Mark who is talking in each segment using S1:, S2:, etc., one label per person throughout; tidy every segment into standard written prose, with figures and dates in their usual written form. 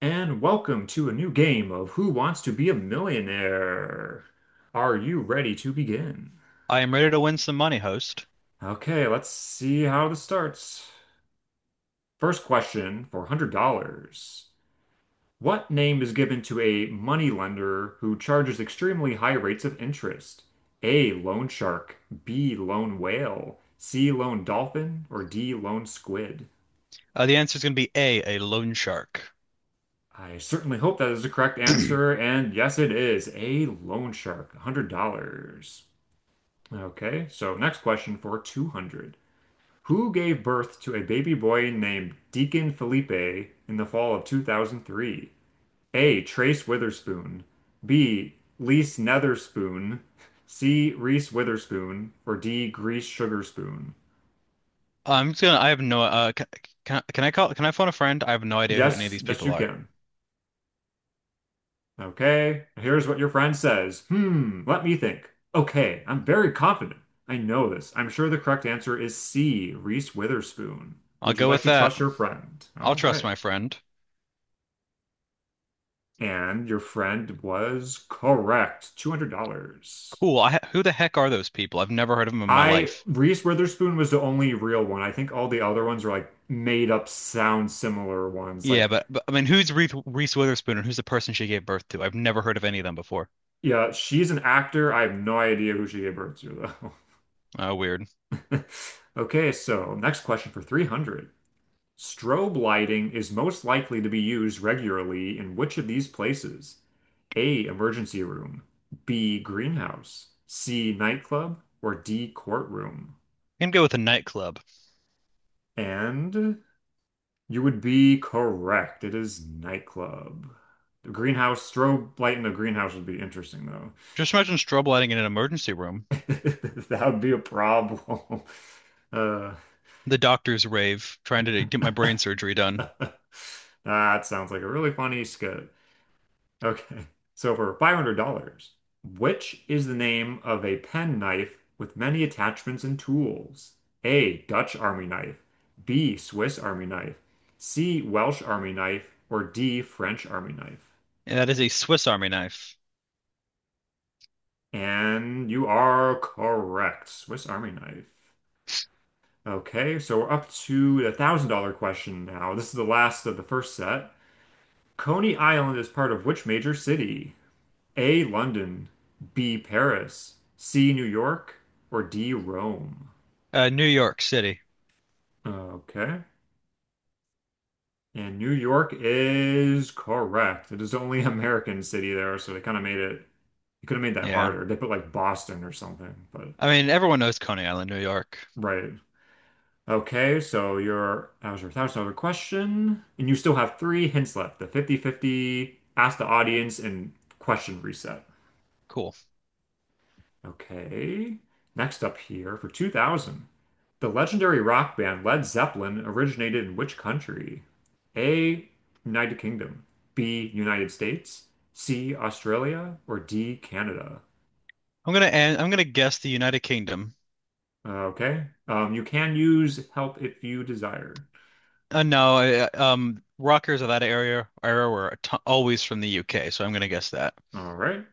S1: And welcome to a new game of Who Wants to Be a Millionaire? Are you ready to begin?
S2: I am ready to win some money, host.
S1: Okay, let's see how this starts. First question for $100. What name is given to a moneylender who charges extremely high rates of interest? A. Loan shark, B. Lone whale, C. Lone dolphin, or D. Lone squid?
S2: The answer is going to be A, a loan shark.
S1: I certainly hope that is the correct answer, and yes, it is. A loan shark, $100. Okay, so next question for 200. Who gave birth to a baby boy named Deacon Felipe in the fall of 2003? A. Trace Witherspoon. B. Lise Netherspoon. C. Reese Witherspoon. Or D. Grease Sugarspoon?
S2: I'm just gonna. I have no. Can I call? Can I phone a friend? I have no idea who any of
S1: Yes,
S2: these
S1: yes,
S2: people
S1: you
S2: are.
S1: can. Okay, here's what your friend says. Hmm, let me think. Okay, I'm very confident. I know this. I'm sure the correct answer is C. Reese Witherspoon.
S2: I'll
S1: Would you
S2: go
S1: like
S2: with
S1: to
S2: that.
S1: trust your friend? All
S2: I'll trust
S1: right.
S2: my friend.
S1: And your friend was correct. $200.
S2: Cool. Who the heck are those people? I've never heard of them in my life.
S1: Reese Witherspoon was the only real one. I think all the other ones are like made up sound similar ones.
S2: Yeah,
S1: Like,
S2: but I mean, who's Reese Witherspoon and who's the person she gave birth to? I've never heard of any of them before.
S1: yeah, she's an actor. I have no idea who she gave birth to,
S2: Oh, weird.
S1: though. Okay, so next question for 300. Strobe lighting is most likely to be used regularly in which of these places? A, emergency room, B, greenhouse, C, nightclub, or D, courtroom?
S2: Can go with a nightclub.
S1: And you would be correct. It is nightclub. The greenhouse, strobe light in the greenhouse would be interesting though.
S2: Just imagine strobe lighting in an emergency room,
S1: That would be a problem. Uh,
S2: the doctor's rave, trying to get my brain surgery done,
S1: that sounds like a really funny skit. Okay. So for $500, which is the name of a pen knife with many attachments and tools? A. Dutch Army knife. B. Swiss Army knife. C. Welsh Army knife. Or D. French Army knife.
S2: and that is a Swiss Army knife.
S1: And you are correct. Swiss Army knife. Okay, so we're up to the $1,000 question now. This is the last of the first set. Coney Island is part of which major city? A. London, B. Paris, C. New York, or D. Rome?
S2: New York City.
S1: Okay. And New York is correct. It is the only American city there, so they kind of made it, they could have made that
S2: Yeah.
S1: harder. They put like Boston or something, but
S2: I mean, everyone knows Coney Island, New York.
S1: right. Okay, so your that was your $1,000 question, and you still have three hints left. The fifty-fifty, ask the audience, and question reset.
S2: Cool.
S1: Okay. Next up here for 2000. The legendary rock band Led Zeppelin originated in which country? A, United Kingdom, B, United States, C, Australia, or D, Canada?
S2: I'm gonna guess the United Kingdom.
S1: Okay. You can use help if you desire.
S2: No, rockers of that area era were t always from the UK, so I'm gonna guess that.
S1: All right.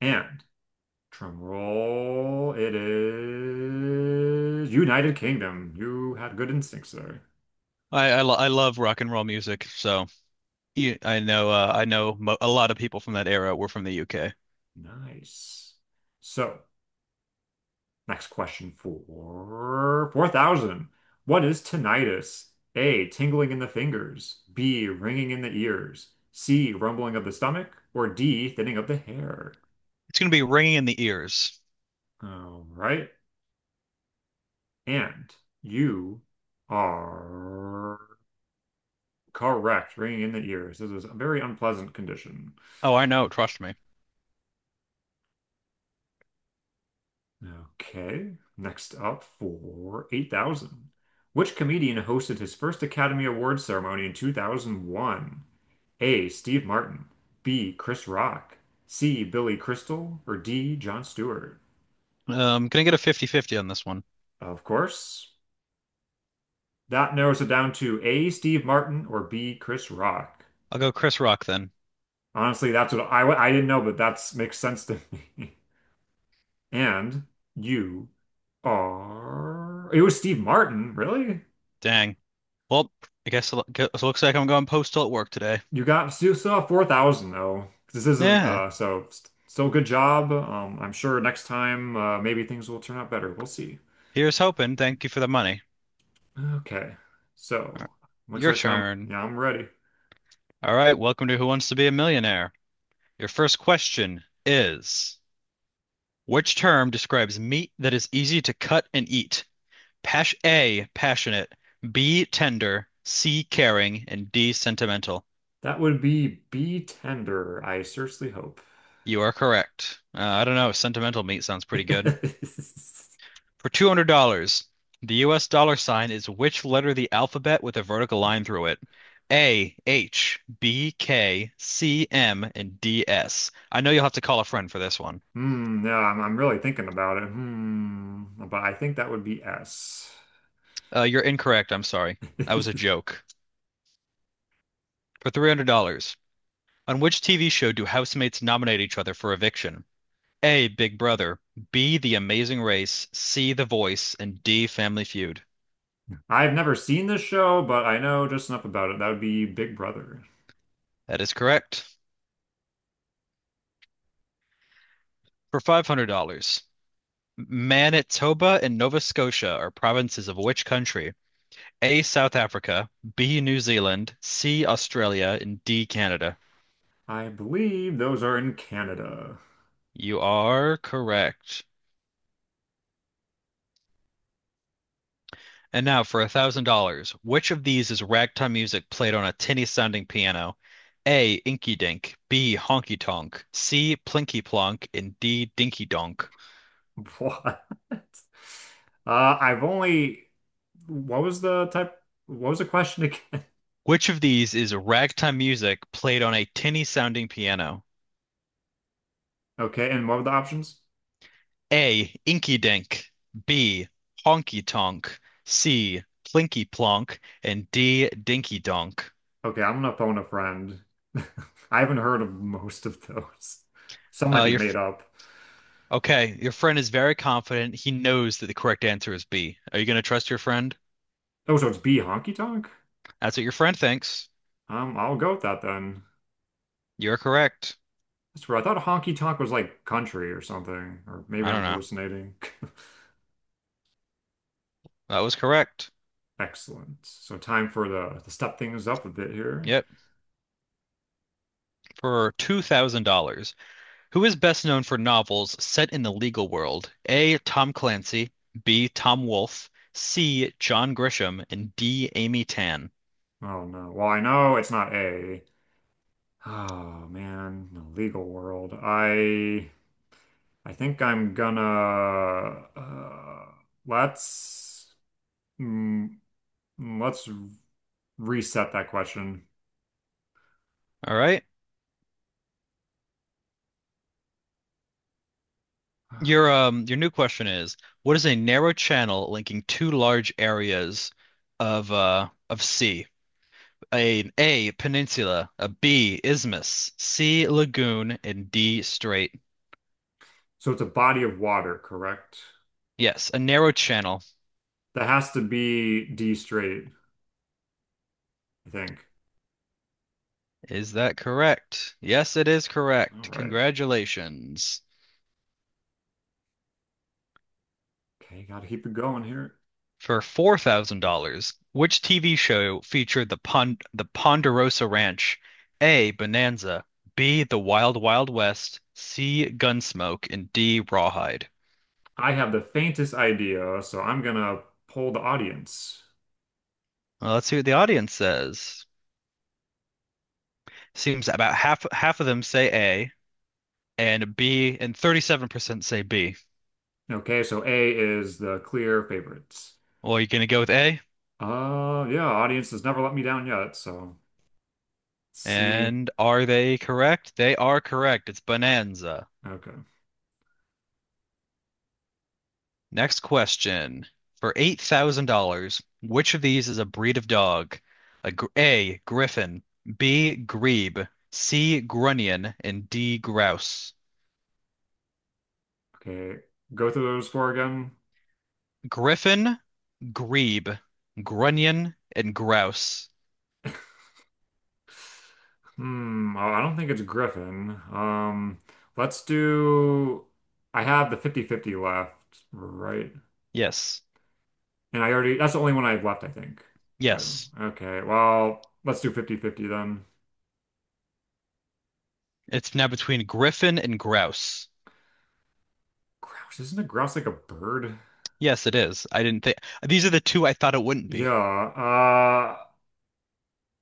S1: And Drum roll. It is United Kingdom. You had good instincts there.
S2: I love rock and roll music, so yeah, I know mo a lot of people from that era were from the UK.
S1: Nice. So, next question for 4,000. What is tinnitus? A, tingling in the fingers. B, ringing in the ears. C, rumbling of the stomach. Or D, thinning of the hair.
S2: It's gonna be ringing in the ears.
S1: All right. And you are correct. Ringing in the ears. This is a very unpleasant condition.
S2: Oh, I know. Trust me.
S1: Okay. Next up for 8,000. Which comedian hosted his first Academy Awards ceremony in 2001? A. Steve Martin. B. Chris Rock. C. Billy Crystal. Or D. Jon Stewart.
S2: Gonna get a fifty-fifty on this one.
S1: Of course, that narrows it down to A. Steve Martin or B. Chris Rock.
S2: I'll go Chris Rock then.
S1: Honestly, that's what I didn't know, but that makes sense to me. And you are. It was Steve Martin, really?
S2: Dang. Well, I guess it looks like I'm going postal at work today.
S1: You got still have 4,000 though. This isn't
S2: Yeah.
S1: so still good job. I'm sure next time maybe things will turn out better. We'll see.
S2: Here's hoping. Thank you for the money.
S1: Okay. So, looks
S2: Your
S1: like I'm,
S2: turn.
S1: yeah, I'm ready.
S2: All right, welcome to Who Wants to Be a Millionaire. Your first question is, which term describes meat that is easy to cut and eat? Pash A, passionate, B, tender, C, caring, and D, sentimental.
S1: That would be tender, I seriously hope.
S2: You are correct. I don't know, sentimental meat sounds pretty good. For $200, the US dollar sign is which letter of the alphabet with a vertical line through it? A, H, B, K, C, M, and D, S. I know you'll have to call a friend for this one.
S1: Hmm, yeah, I'm really thinking about it. But I think that would be S.
S2: You're incorrect. I'm sorry. That was a joke. For $300, on which TV show do housemates nominate each other for eviction? A, Big Brother, B, The Amazing Race, C, The Voice, and D, Family Feud.
S1: I've never seen this show, but I know just enough about it. That would be Big Brother.
S2: That is correct. For $500, Manitoba and Nova Scotia are provinces of which country? A, South Africa, B, New Zealand, C, Australia, and D, Canada.
S1: I believe those are in Canada.
S2: You are correct. And now for $1,000, which of these is ragtime music played on a tinny sounding piano? A, Inky Dink, B, Honky Tonk, C, Plinky Plonk, and D, Dinky Donk.
S1: What? Uh, I've only. What was the type? What was the question again?
S2: Which of these is ragtime music played on a tinny sounding piano?
S1: Okay, and what were the options?
S2: A. Inky Dink. B. Honky Tonk. C. Plinky Plonk. And D. Dinky Donk.
S1: Okay, I'm gonna phone a friend. I haven't heard of most of those. Some might
S2: Uh,
S1: be
S2: your f-
S1: made up.
S2: okay. Your friend is very confident. He knows that the correct answer is B. Are you going to trust your friend?
S1: Oh, so it's B honky tonk?
S2: That's what your friend thinks.
S1: I'll go with that then.
S2: You're correct.
S1: That's weird. I thought honky tonk was like country or something, or maybe
S2: I
S1: I'm
S2: don't know.
S1: hallucinating.
S2: That was correct.
S1: Excellent. So time for the to step things up a bit here.
S2: Yep. For $2,000. Who is best known for novels set in the legal world? A. Tom Clancy. B. Tom Wolfe. C. John Grisham. And D. Amy Tan.
S1: Oh no. Well, I know it's not A. Oh man, the legal world. I think I'm gonna uh, let's mm, let's reset that question.
S2: All right.
S1: Okay.
S2: Your new question is, what is a narrow channel linking two large areas of sea? A peninsula, a B isthmus, C lagoon, and D strait.
S1: So it's a body of water, correct?
S2: Yes, a narrow channel.
S1: That has to be D straight, I think.
S2: Is that correct? Yes, it is
S1: All
S2: correct.
S1: right.
S2: Congratulations.
S1: Okay, gotta keep it going here.
S2: For $4,000, which TV show featured the Ponderosa Ranch? A. Bonanza, B. The Wild Wild West, C. Gunsmoke, and D. Rawhide.
S1: I have the faintest idea, so I'm gonna poll the audience.
S2: Well, let's see what the audience says. Seems about half of them say A and B, and 37% say B.
S1: Okay, so A is the clear favorites.
S2: Well, you're gonna go with A?
S1: Yeah, audience has never let me down yet, so let's see.
S2: And are they correct? They are correct. It's Bonanza.
S1: Okay.
S2: Next question. For $8,000, which of these is a breed of dog? A, Griffin, B, Grebe, C, Grunion, and D, Grouse.
S1: Okay. Go through those four again.
S2: Griffin, Grebe, Grunion, and Grouse.
S1: Hmm, oh, I don't think it's Griffin. Let's do I have the fifty-fifty left, right?
S2: Yes.
S1: And I already that's the only one I have left, I think. If
S2: Yes.
S1: Okay, well, let's do fifty-fifty then.
S2: It's now between Griffin and Grouse.
S1: Grouse, isn't a grouse like a bird?
S2: Yes, it is. I didn't think these are the two I thought it wouldn't be.
S1: Yeah.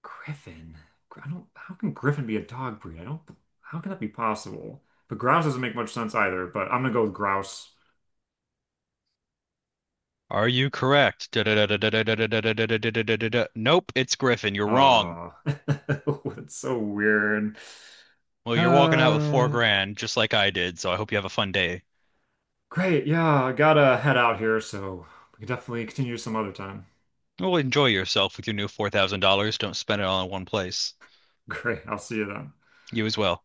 S1: Griffin. I don't. How can Griffin be a dog breed? I don't. How can that be possible? But grouse doesn't make much sense either. But I'm gonna go with grouse.
S2: Are you correct? Da-da-da-da-da-da-da-da-da-da-da-da-da-da-da. Nope, it's Griffin. You're wrong.
S1: Ah, it's so weird.
S2: Well, you're walking out with four
S1: Uh,
S2: grand, just like I did, so I hope you have a fun day.
S1: Great. Yeah, I gotta head out here, so we can definitely continue some other time.
S2: Well, enjoy yourself with your new $4,000. Don't spend it all in one place.
S1: Great. I'll see you then.
S2: You as well.